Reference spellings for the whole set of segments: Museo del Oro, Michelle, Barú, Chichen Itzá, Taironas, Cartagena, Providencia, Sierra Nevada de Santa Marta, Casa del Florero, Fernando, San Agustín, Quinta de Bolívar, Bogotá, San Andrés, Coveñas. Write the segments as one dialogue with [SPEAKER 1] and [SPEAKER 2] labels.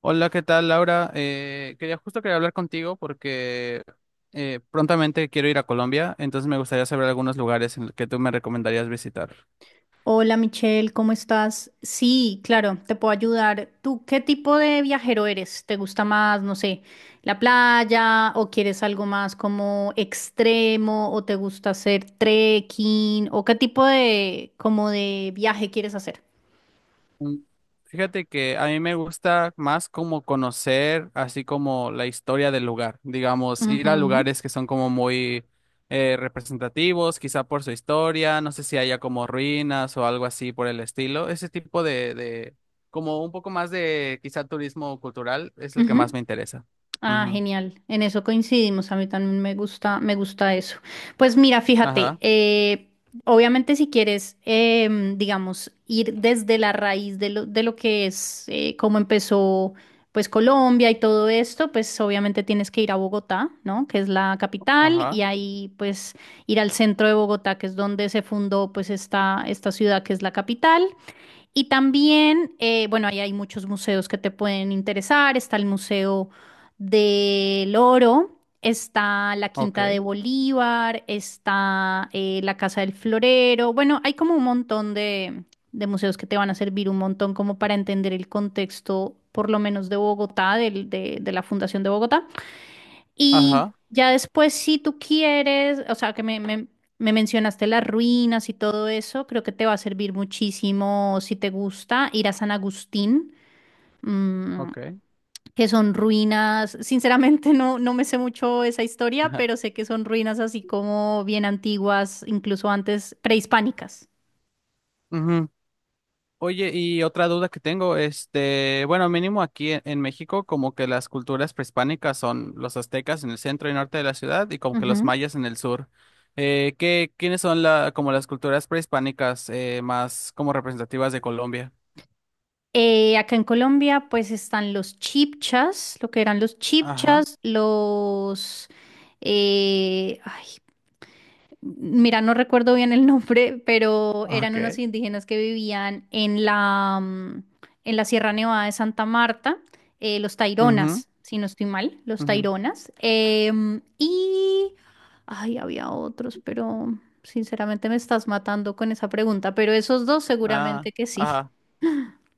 [SPEAKER 1] Hola, ¿qué tal, Laura? Quería hablar contigo porque prontamente quiero ir a Colombia, entonces me gustaría saber algunos lugares en los que tú me recomendarías visitar.
[SPEAKER 2] Hola Michelle, ¿cómo estás? Sí, claro, te puedo ayudar. ¿Tú qué tipo de viajero eres? ¿Te gusta más, no sé, la playa o quieres algo más como extremo o te gusta hacer trekking o qué tipo de como de viaje quieres hacer?
[SPEAKER 1] Mm, Fíjate que a mí me gusta más como conocer así como la historia del lugar, digamos, ir a
[SPEAKER 2] Ujú.
[SPEAKER 1] lugares que son como muy representativos, quizá por su historia, no sé si haya como ruinas o algo así por el estilo, ese tipo de como un poco más de quizá turismo cultural es el que
[SPEAKER 2] Ujú.
[SPEAKER 1] más me interesa.
[SPEAKER 2] Ah,
[SPEAKER 1] Ujú.
[SPEAKER 2] genial. En eso coincidimos. A mí también me gusta eso. Pues mira, fíjate,
[SPEAKER 1] Ajá,
[SPEAKER 2] obviamente si quieres, digamos, ir desde la raíz de lo que es, cómo empezó, pues Colombia y todo esto, pues obviamente tienes que ir a Bogotá, ¿no? Que es la capital y
[SPEAKER 1] ajá,
[SPEAKER 2] ahí, pues, ir al centro de Bogotá, que es donde se fundó, pues, esta ciudad que es la capital. Y también, bueno, ahí hay muchos museos que te pueden interesar. Está el Museo del Oro, está la
[SPEAKER 1] ok,
[SPEAKER 2] Quinta de Bolívar, está la Casa del Florero. Bueno, hay como un montón de museos que te van a servir un montón como para entender el contexto, por lo menos de Bogotá, de la Fundación de Bogotá. Y
[SPEAKER 1] ajá,
[SPEAKER 2] ya después, si tú quieres, o sea, me mencionaste las ruinas y todo eso, creo que te va a servir muchísimo, si te gusta, ir a San Agustín, mm,
[SPEAKER 1] ok.
[SPEAKER 2] que son ruinas, sinceramente no, no me sé mucho esa historia, pero sé que son ruinas así como bien antiguas, incluso antes prehispánicas.
[SPEAKER 1] Ajá. Oye, y otra duda que tengo, este, bueno, mínimo aquí en México, como que las culturas prehispánicas son los aztecas en el centro y norte de la ciudad y como que los
[SPEAKER 2] Ujú.
[SPEAKER 1] mayas en el sur. ¿ quiénes son la, como las culturas prehispánicas más como representativas de Colombia?
[SPEAKER 2] Acá en Colombia, pues están los chipchas, lo que eran los
[SPEAKER 1] Ajá,
[SPEAKER 2] chipchas, los... eh, ay, mira, no recuerdo bien el nombre, pero eran unos
[SPEAKER 1] ok.
[SPEAKER 2] indígenas que vivían en la, en la Sierra Nevada de Santa Marta, los
[SPEAKER 1] Ujú,
[SPEAKER 2] Taironas, si no estoy mal, los
[SPEAKER 1] ujú.
[SPEAKER 2] Taironas. Y, ay, había otros, pero sinceramente me estás matando con esa pregunta, pero esos dos
[SPEAKER 1] Ah,
[SPEAKER 2] seguramente que sí.
[SPEAKER 1] ajá.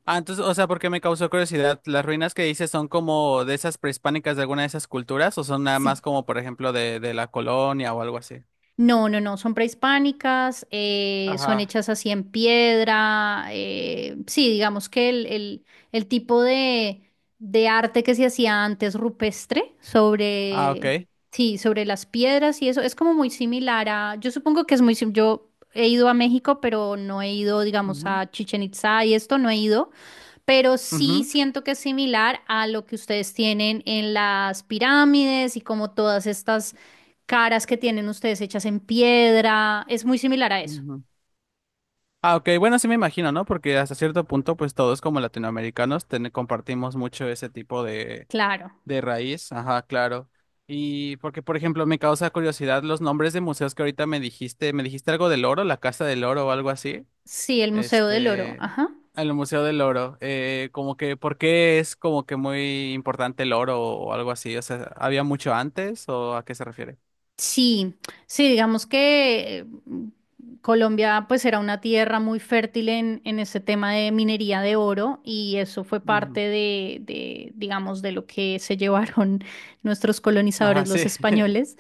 [SPEAKER 1] Ah, entonces, o sea, porque me causó curiosidad, ¿las ruinas que dices son como de esas prehispánicas de alguna de esas culturas o son nada
[SPEAKER 2] Sí,
[SPEAKER 1] más como, por ejemplo, de la colonia o algo así?
[SPEAKER 2] no, no, no, son prehispánicas, son
[SPEAKER 1] Ajá.
[SPEAKER 2] hechas así en piedra. Sí, digamos que el tipo de arte que se hacía antes rupestre
[SPEAKER 1] Ah,
[SPEAKER 2] sobre,
[SPEAKER 1] ok.
[SPEAKER 2] sí, sobre las piedras y eso es como muy similar a, yo supongo que es muy, yo he ido a México, pero no he ido, digamos,
[SPEAKER 1] Ujú,
[SPEAKER 2] a Chichen Itzá y esto no he ido, pero sí
[SPEAKER 1] ujú,
[SPEAKER 2] siento que es similar a lo que ustedes tienen en las pirámides y como todas estas caras que tienen ustedes hechas en piedra. Es muy similar a eso.
[SPEAKER 1] ujú. Ah, ok, bueno, sí me imagino, ¿no? Porque hasta cierto punto, pues todos como latinoamericanos compartimos mucho ese tipo
[SPEAKER 2] Claro.
[SPEAKER 1] de raíz, ajá, claro. Y porque, por ejemplo, me causa curiosidad los nombres de museos que ahorita me dijiste algo del oro, la Casa del Oro o algo así,
[SPEAKER 2] Sí, el Museo del Oro.
[SPEAKER 1] este,
[SPEAKER 2] Ajá.
[SPEAKER 1] el Museo del Oro, como que, ¿por qué es como que muy importante el oro o algo así? O sea, ¿había mucho antes o a qué se refiere?
[SPEAKER 2] Sí, sí, digamos que Colombia pues era una tierra muy fértil en ese tema de minería de oro y eso fue parte
[SPEAKER 1] Ujú.
[SPEAKER 2] digamos, de lo que se llevaron nuestros colonizadores,
[SPEAKER 1] Ajá,
[SPEAKER 2] los
[SPEAKER 1] sí,
[SPEAKER 2] españoles.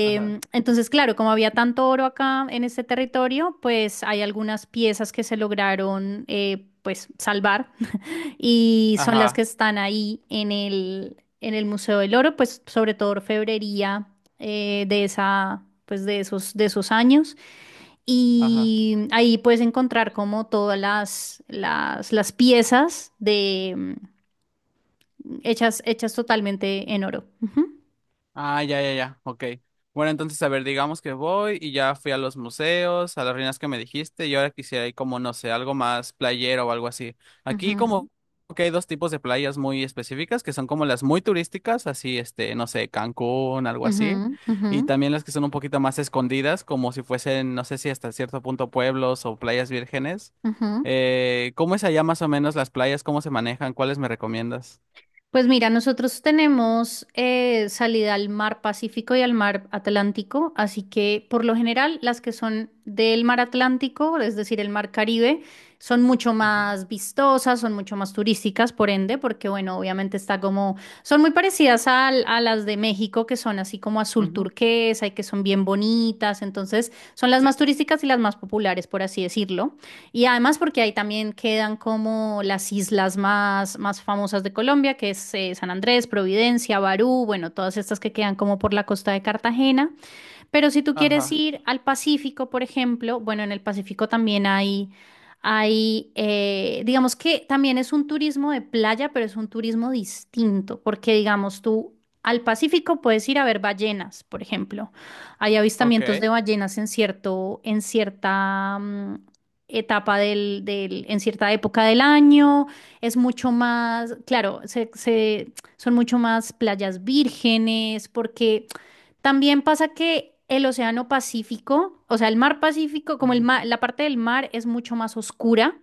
[SPEAKER 1] ajá,
[SPEAKER 2] Entonces, claro, como había tanto oro acá en este territorio, pues hay algunas piezas que se lograron pues salvar y son las que
[SPEAKER 1] ajá,
[SPEAKER 2] están ahí en el Museo del Oro, pues sobre todo orfebrería de esa, pues de esos años.
[SPEAKER 1] ajá.
[SPEAKER 2] Y ahí puedes encontrar como todas las piezas de, hechas, hechas totalmente en oro.
[SPEAKER 1] Ah, ya, ya, ya, ok. Bueno, entonces, a ver, digamos que voy y ya fui a los museos, a las ruinas que me dijiste, y ahora quisiera ir como, no sé, algo más playero o algo así. Aquí
[SPEAKER 2] Ujú,
[SPEAKER 1] como que hay dos tipos de playas muy específicas, que son como las muy turísticas, así, este, no sé, Cancún, algo así,
[SPEAKER 2] ujú, ujú,
[SPEAKER 1] y también las que son un poquito más escondidas, como si fuesen, no sé si hasta cierto punto pueblos o playas vírgenes.
[SPEAKER 2] ujú, ujú.
[SPEAKER 1] ¿Cómo es allá más o menos las playas? ¿Cómo se manejan? ¿Cuáles me recomiendas?
[SPEAKER 2] Pues mira, nosotros tenemos salida al mar Pacífico y al mar Atlántico, así que por lo general las que son del mar Atlántico, es decir, el mar Caribe, son mucho
[SPEAKER 1] Ujú,
[SPEAKER 2] más vistosas, son mucho más turísticas, por ende, porque bueno, obviamente está como, son muy parecidas a, las de México, que son así como azul
[SPEAKER 1] ujú.
[SPEAKER 2] turquesa y que son bien bonitas, entonces son las
[SPEAKER 1] Sí.
[SPEAKER 2] más turísticas y las más populares, por así decirlo. Y además porque ahí también quedan como las islas más, más famosas de Colombia, que es San Andrés, Providencia, Barú, bueno, todas estas que quedan como por la costa de Cartagena. Pero si tú quieres
[SPEAKER 1] Ajá,
[SPEAKER 2] ir al Pacífico, por ejemplo, bueno, en el Pacífico también hay, digamos que también es un turismo de playa, pero es un turismo distinto, porque digamos tú al Pacífico puedes ir a ver ballenas, por ejemplo. Hay avistamientos de
[SPEAKER 1] ok.
[SPEAKER 2] ballenas en cierto, en cierta etapa en cierta época del año. Es mucho más, claro, son mucho más playas vírgenes, porque también pasa que el Océano Pacífico, o sea, el mar Pacífico, como
[SPEAKER 1] Ujú,
[SPEAKER 2] la parte del mar es mucho más oscura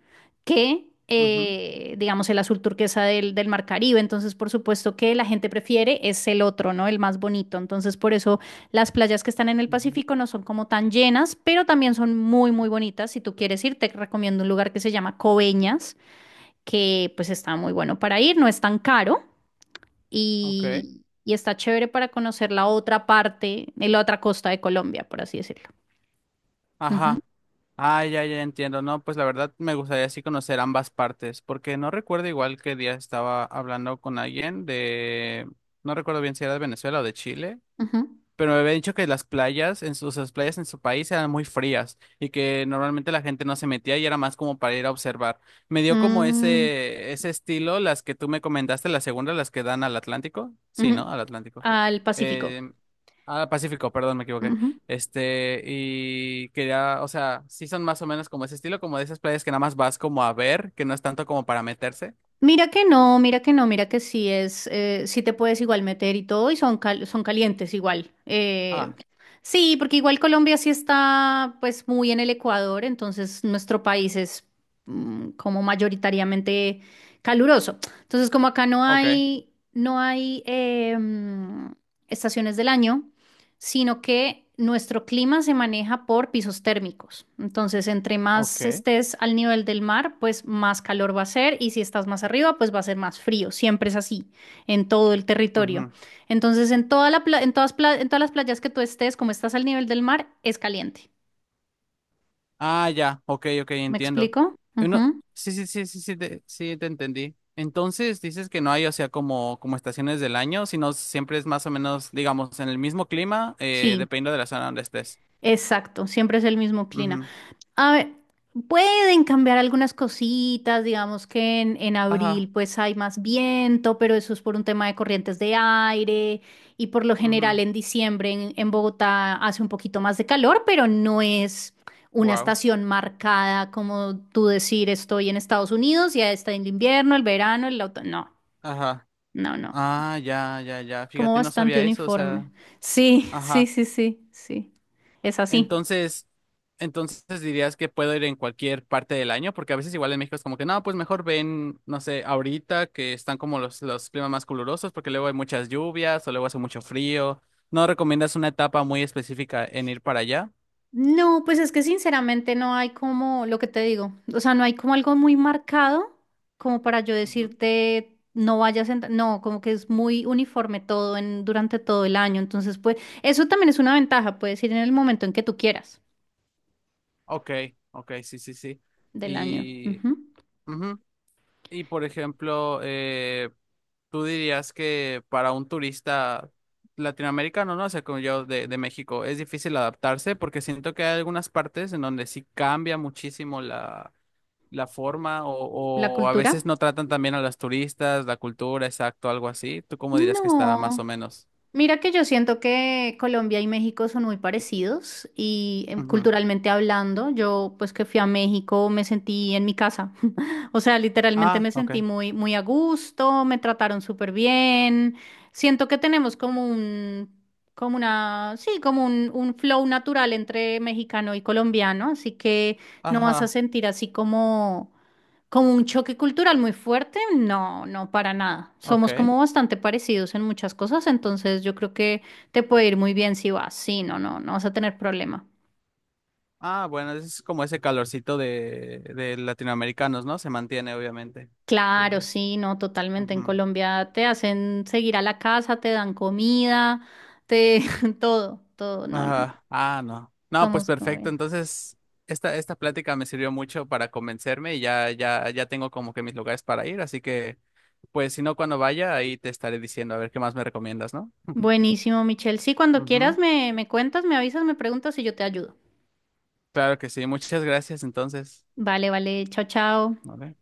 [SPEAKER 2] que,
[SPEAKER 1] ujú,
[SPEAKER 2] digamos, el azul turquesa del mar Caribe. Entonces, por supuesto que la gente prefiere es el otro, ¿no? El más bonito. Entonces, por eso las playas que están en el
[SPEAKER 1] ujú,
[SPEAKER 2] Pacífico no son como tan llenas, pero también son muy, muy bonitas. Si tú quieres ir, te recomiendo un lugar que se llama Coveñas, que pues está muy bueno para ir, no es tan caro
[SPEAKER 1] ok.
[SPEAKER 2] y está chévere para conocer la otra parte, y la otra costa de Colombia, por así decirlo. Ujú,
[SPEAKER 1] Ajá. Ah, ya, ya entiendo. No, pues la verdad me gustaría así conocer ambas partes, porque no recuerdo igual qué día estaba hablando con alguien de, no recuerdo bien si era de Venezuela o de Chile.
[SPEAKER 2] ujú.
[SPEAKER 1] Pero me había dicho que las playas en su país eran muy frías y que normalmente la gente no se metía y era más como para ir a observar. Me dio como
[SPEAKER 2] Mm,
[SPEAKER 1] ese estilo las que tú me comentaste, las segundas, las que dan al Atlántico. Sí,
[SPEAKER 2] ujú.
[SPEAKER 1] ¿no? Al Atlántico.
[SPEAKER 2] Al Pacífico.
[SPEAKER 1] Eh, al Pacífico, perdón, me equivoqué.
[SPEAKER 2] Ujú.
[SPEAKER 1] Este, y que ya, o sea, sí son más o menos como ese estilo, como de esas playas que nada más vas como a ver, que no es tanto como para meterse.
[SPEAKER 2] Mira que no, mira que no, mira que sí es, sí te puedes igual meter y todo y son, son calientes igual.
[SPEAKER 1] Ah,
[SPEAKER 2] Sí, porque igual Colombia sí está pues muy en el Ecuador, entonces nuestro país es como mayoritariamente caluroso. Entonces como acá no
[SPEAKER 1] ok,
[SPEAKER 2] hay, no hay estaciones del año, sino que nuestro clima se maneja por pisos térmicos. Entonces, entre más
[SPEAKER 1] ok.
[SPEAKER 2] estés al nivel del mar, pues más calor va a ser y si estás más arriba, pues va a ser más frío. Siempre es así en todo el territorio.
[SPEAKER 1] Ujú.
[SPEAKER 2] Entonces, en todas, en todas las playas que tú estés, como estás al nivel del mar, es caliente.
[SPEAKER 1] Ah, ya, ok, ok,
[SPEAKER 2] ¿Me
[SPEAKER 1] entiendo.
[SPEAKER 2] explico?
[SPEAKER 1] Uno,
[SPEAKER 2] Ujú.
[SPEAKER 1] sí, sí, sí, sí, sí, te entendí. Entonces dices que no hay, o sea, como, como estaciones del año, sino siempre es más o menos, digamos, en el mismo clima,
[SPEAKER 2] Sí,
[SPEAKER 1] dependiendo de la zona donde estés.
[SPEAKER 2] exacto. Siempre es el mismo clima.
[SPEAKER 1] Ujú.
[SPEAKER 2] A ver, pueden cambiar algunas cositas, digamos que en abril
[SPEAKER 1] Ajá.
[SPEAKER 2] pues hay más viento, pero eso es por un tema de corrientes de aire y por lo general en diciembre en Bogotá hace un poquito más de calor, pero no es una
[SPEAKER 1] Wow.
[SPEAKER 2] estación marcada como tú decir estoy en Estados Unidos, ya está en el invierno, el verano, el otoño.
[SPEAKER 1] Ajá.
[SPEAKER 2] No, no, no,
[SPEAKER 1] Ah, ya, ya, ya.
[SPEAKER 2] como
[SPEAKER 1] Fíjate, no
[SPEAKER 2] bastante
[SPEAKER 1] sabía eso, o sea,
[SPEAKER 2] uniforme. Sí, sí,
[SPEAKER 1] ajá.
[SPEAKER 2] sí, sí, sí, es así.
[SPEAKER 1] Entonces, entonces dirías que puedo ir en cualquier parte del año, porque a veces igual en México es como que no, pues mejor ven, no sé, ahorita que están como los climas más calurosos, porque luego hay muchas lluvias o luego hace mucho frío. ¿No recomiendas una etapa muy específica en ir para allá?
[SPEAKER 2] No, pues es que sinceramente no hay como lo que te digo, o sea, no hay como algo muy marcado como para yo
[SPEAKER 1] Ujú.
[SPEAKER 2] decirte no vayas en, no, como que es muy uniforme todo en durante todo el año, entonces pues eso también es una ventaja, puedes ir en el momento en que tú quieras
[SPEAKER 1] Ok, ok, sí, sí, sí.
[SPEAKER 2] del año.
[SPEAKER 1] Y
[SPEAKER 2] Ujú.
[SPEAKER 1] ujú. Y por ejemplo, tú dirías que para un turista latinoamericano, ¿no? O sea, como yo de México, es difícil adaptarse porque siento que hay algunas partes en donde sí cambia muchísimo la, la forma
[SPEAKER 2] La
[SPEAKER 1] o a
[SPEAKER 2] cultura.
[SPEAKER 1] veces no tratan también a las turistas, la cultura, exacto, algo así. ¿Tú cómo dirías que está más o
[SPEAKER 2] No.
[SPEAKER 1] menos?
[SPEAKER 2] Mira que yo siento que Colombia y México son muy parecidos y
[SPEAKER 1] Ujú.
[SPEAKER 2] culturalmente hablando, yo pues que fui a México me sentí en mi casa. O sea, literalmente
[SPEAKER 1] Ah,
[SPEAKER 2] me
[SPEAKER 1] ok.
[SPEAKER 2] sentí muy, muy a gusto, me trataron súper bien. Siento que tenemos como un, como una, sí, como un flow natural entre mexicano y colombiano, así que no vas a
[SPEAKER 1] Ajá,
[SPEAKER 2] sentir así como como un choque cultural muy fuerte, no, no, para nada. Somos
[SPEAKER 1] ok.
[SPEAKER 2] como bastante parecidos en muchas cosas, entonces yo creo que te puede ir muy bien si vas. Sí, no, no, no vas a tener problema.
[SPEAKER 1] Ah, bueno, es como ese calorcito de latinoamericanos, ¿no? Se mantiene, obviamente. Sí,
[SPEAKER 2] Claro,
[SPEAKER 1] sí.
[SPEAKER 2] sí, no, totalmente. En
[SPEAKER 1] Ujú.
[SPEAKER 2] Colombia te hacen seguir a la casa, te dan comida, te todo, todo. No, no, no.
[SPEAKER 1] Ajá. Ah, no. No, pues
[SPEAKER 2] Somos como
[SPEAKER 1] perfecto.
[SPEAKER 2] bien.
[SPEAKER 1] Entonces, esta plática me sirvió mucho para convencerme y ya, ya, ya tengo como que mis lugares para ir. Así que, pues, si no, cuando vaya, ahí te estaré diciendo a ver qué más me recomiendas, ¿no?
[SPEAKER 2] Buenísimo, Michelle. Sí, cuando
[SPEAKER 1] Ujú.
[SPEAKER 2] quieras me, me cuentas, me avisas, me preguntas y yo te ayudo.
[SPEAKER 1] Claro que sí. Muchas gracias, entonces.
[SPEAKER 2] Vale, vale. Chao, chao.
[SPEAKER 1] Vale.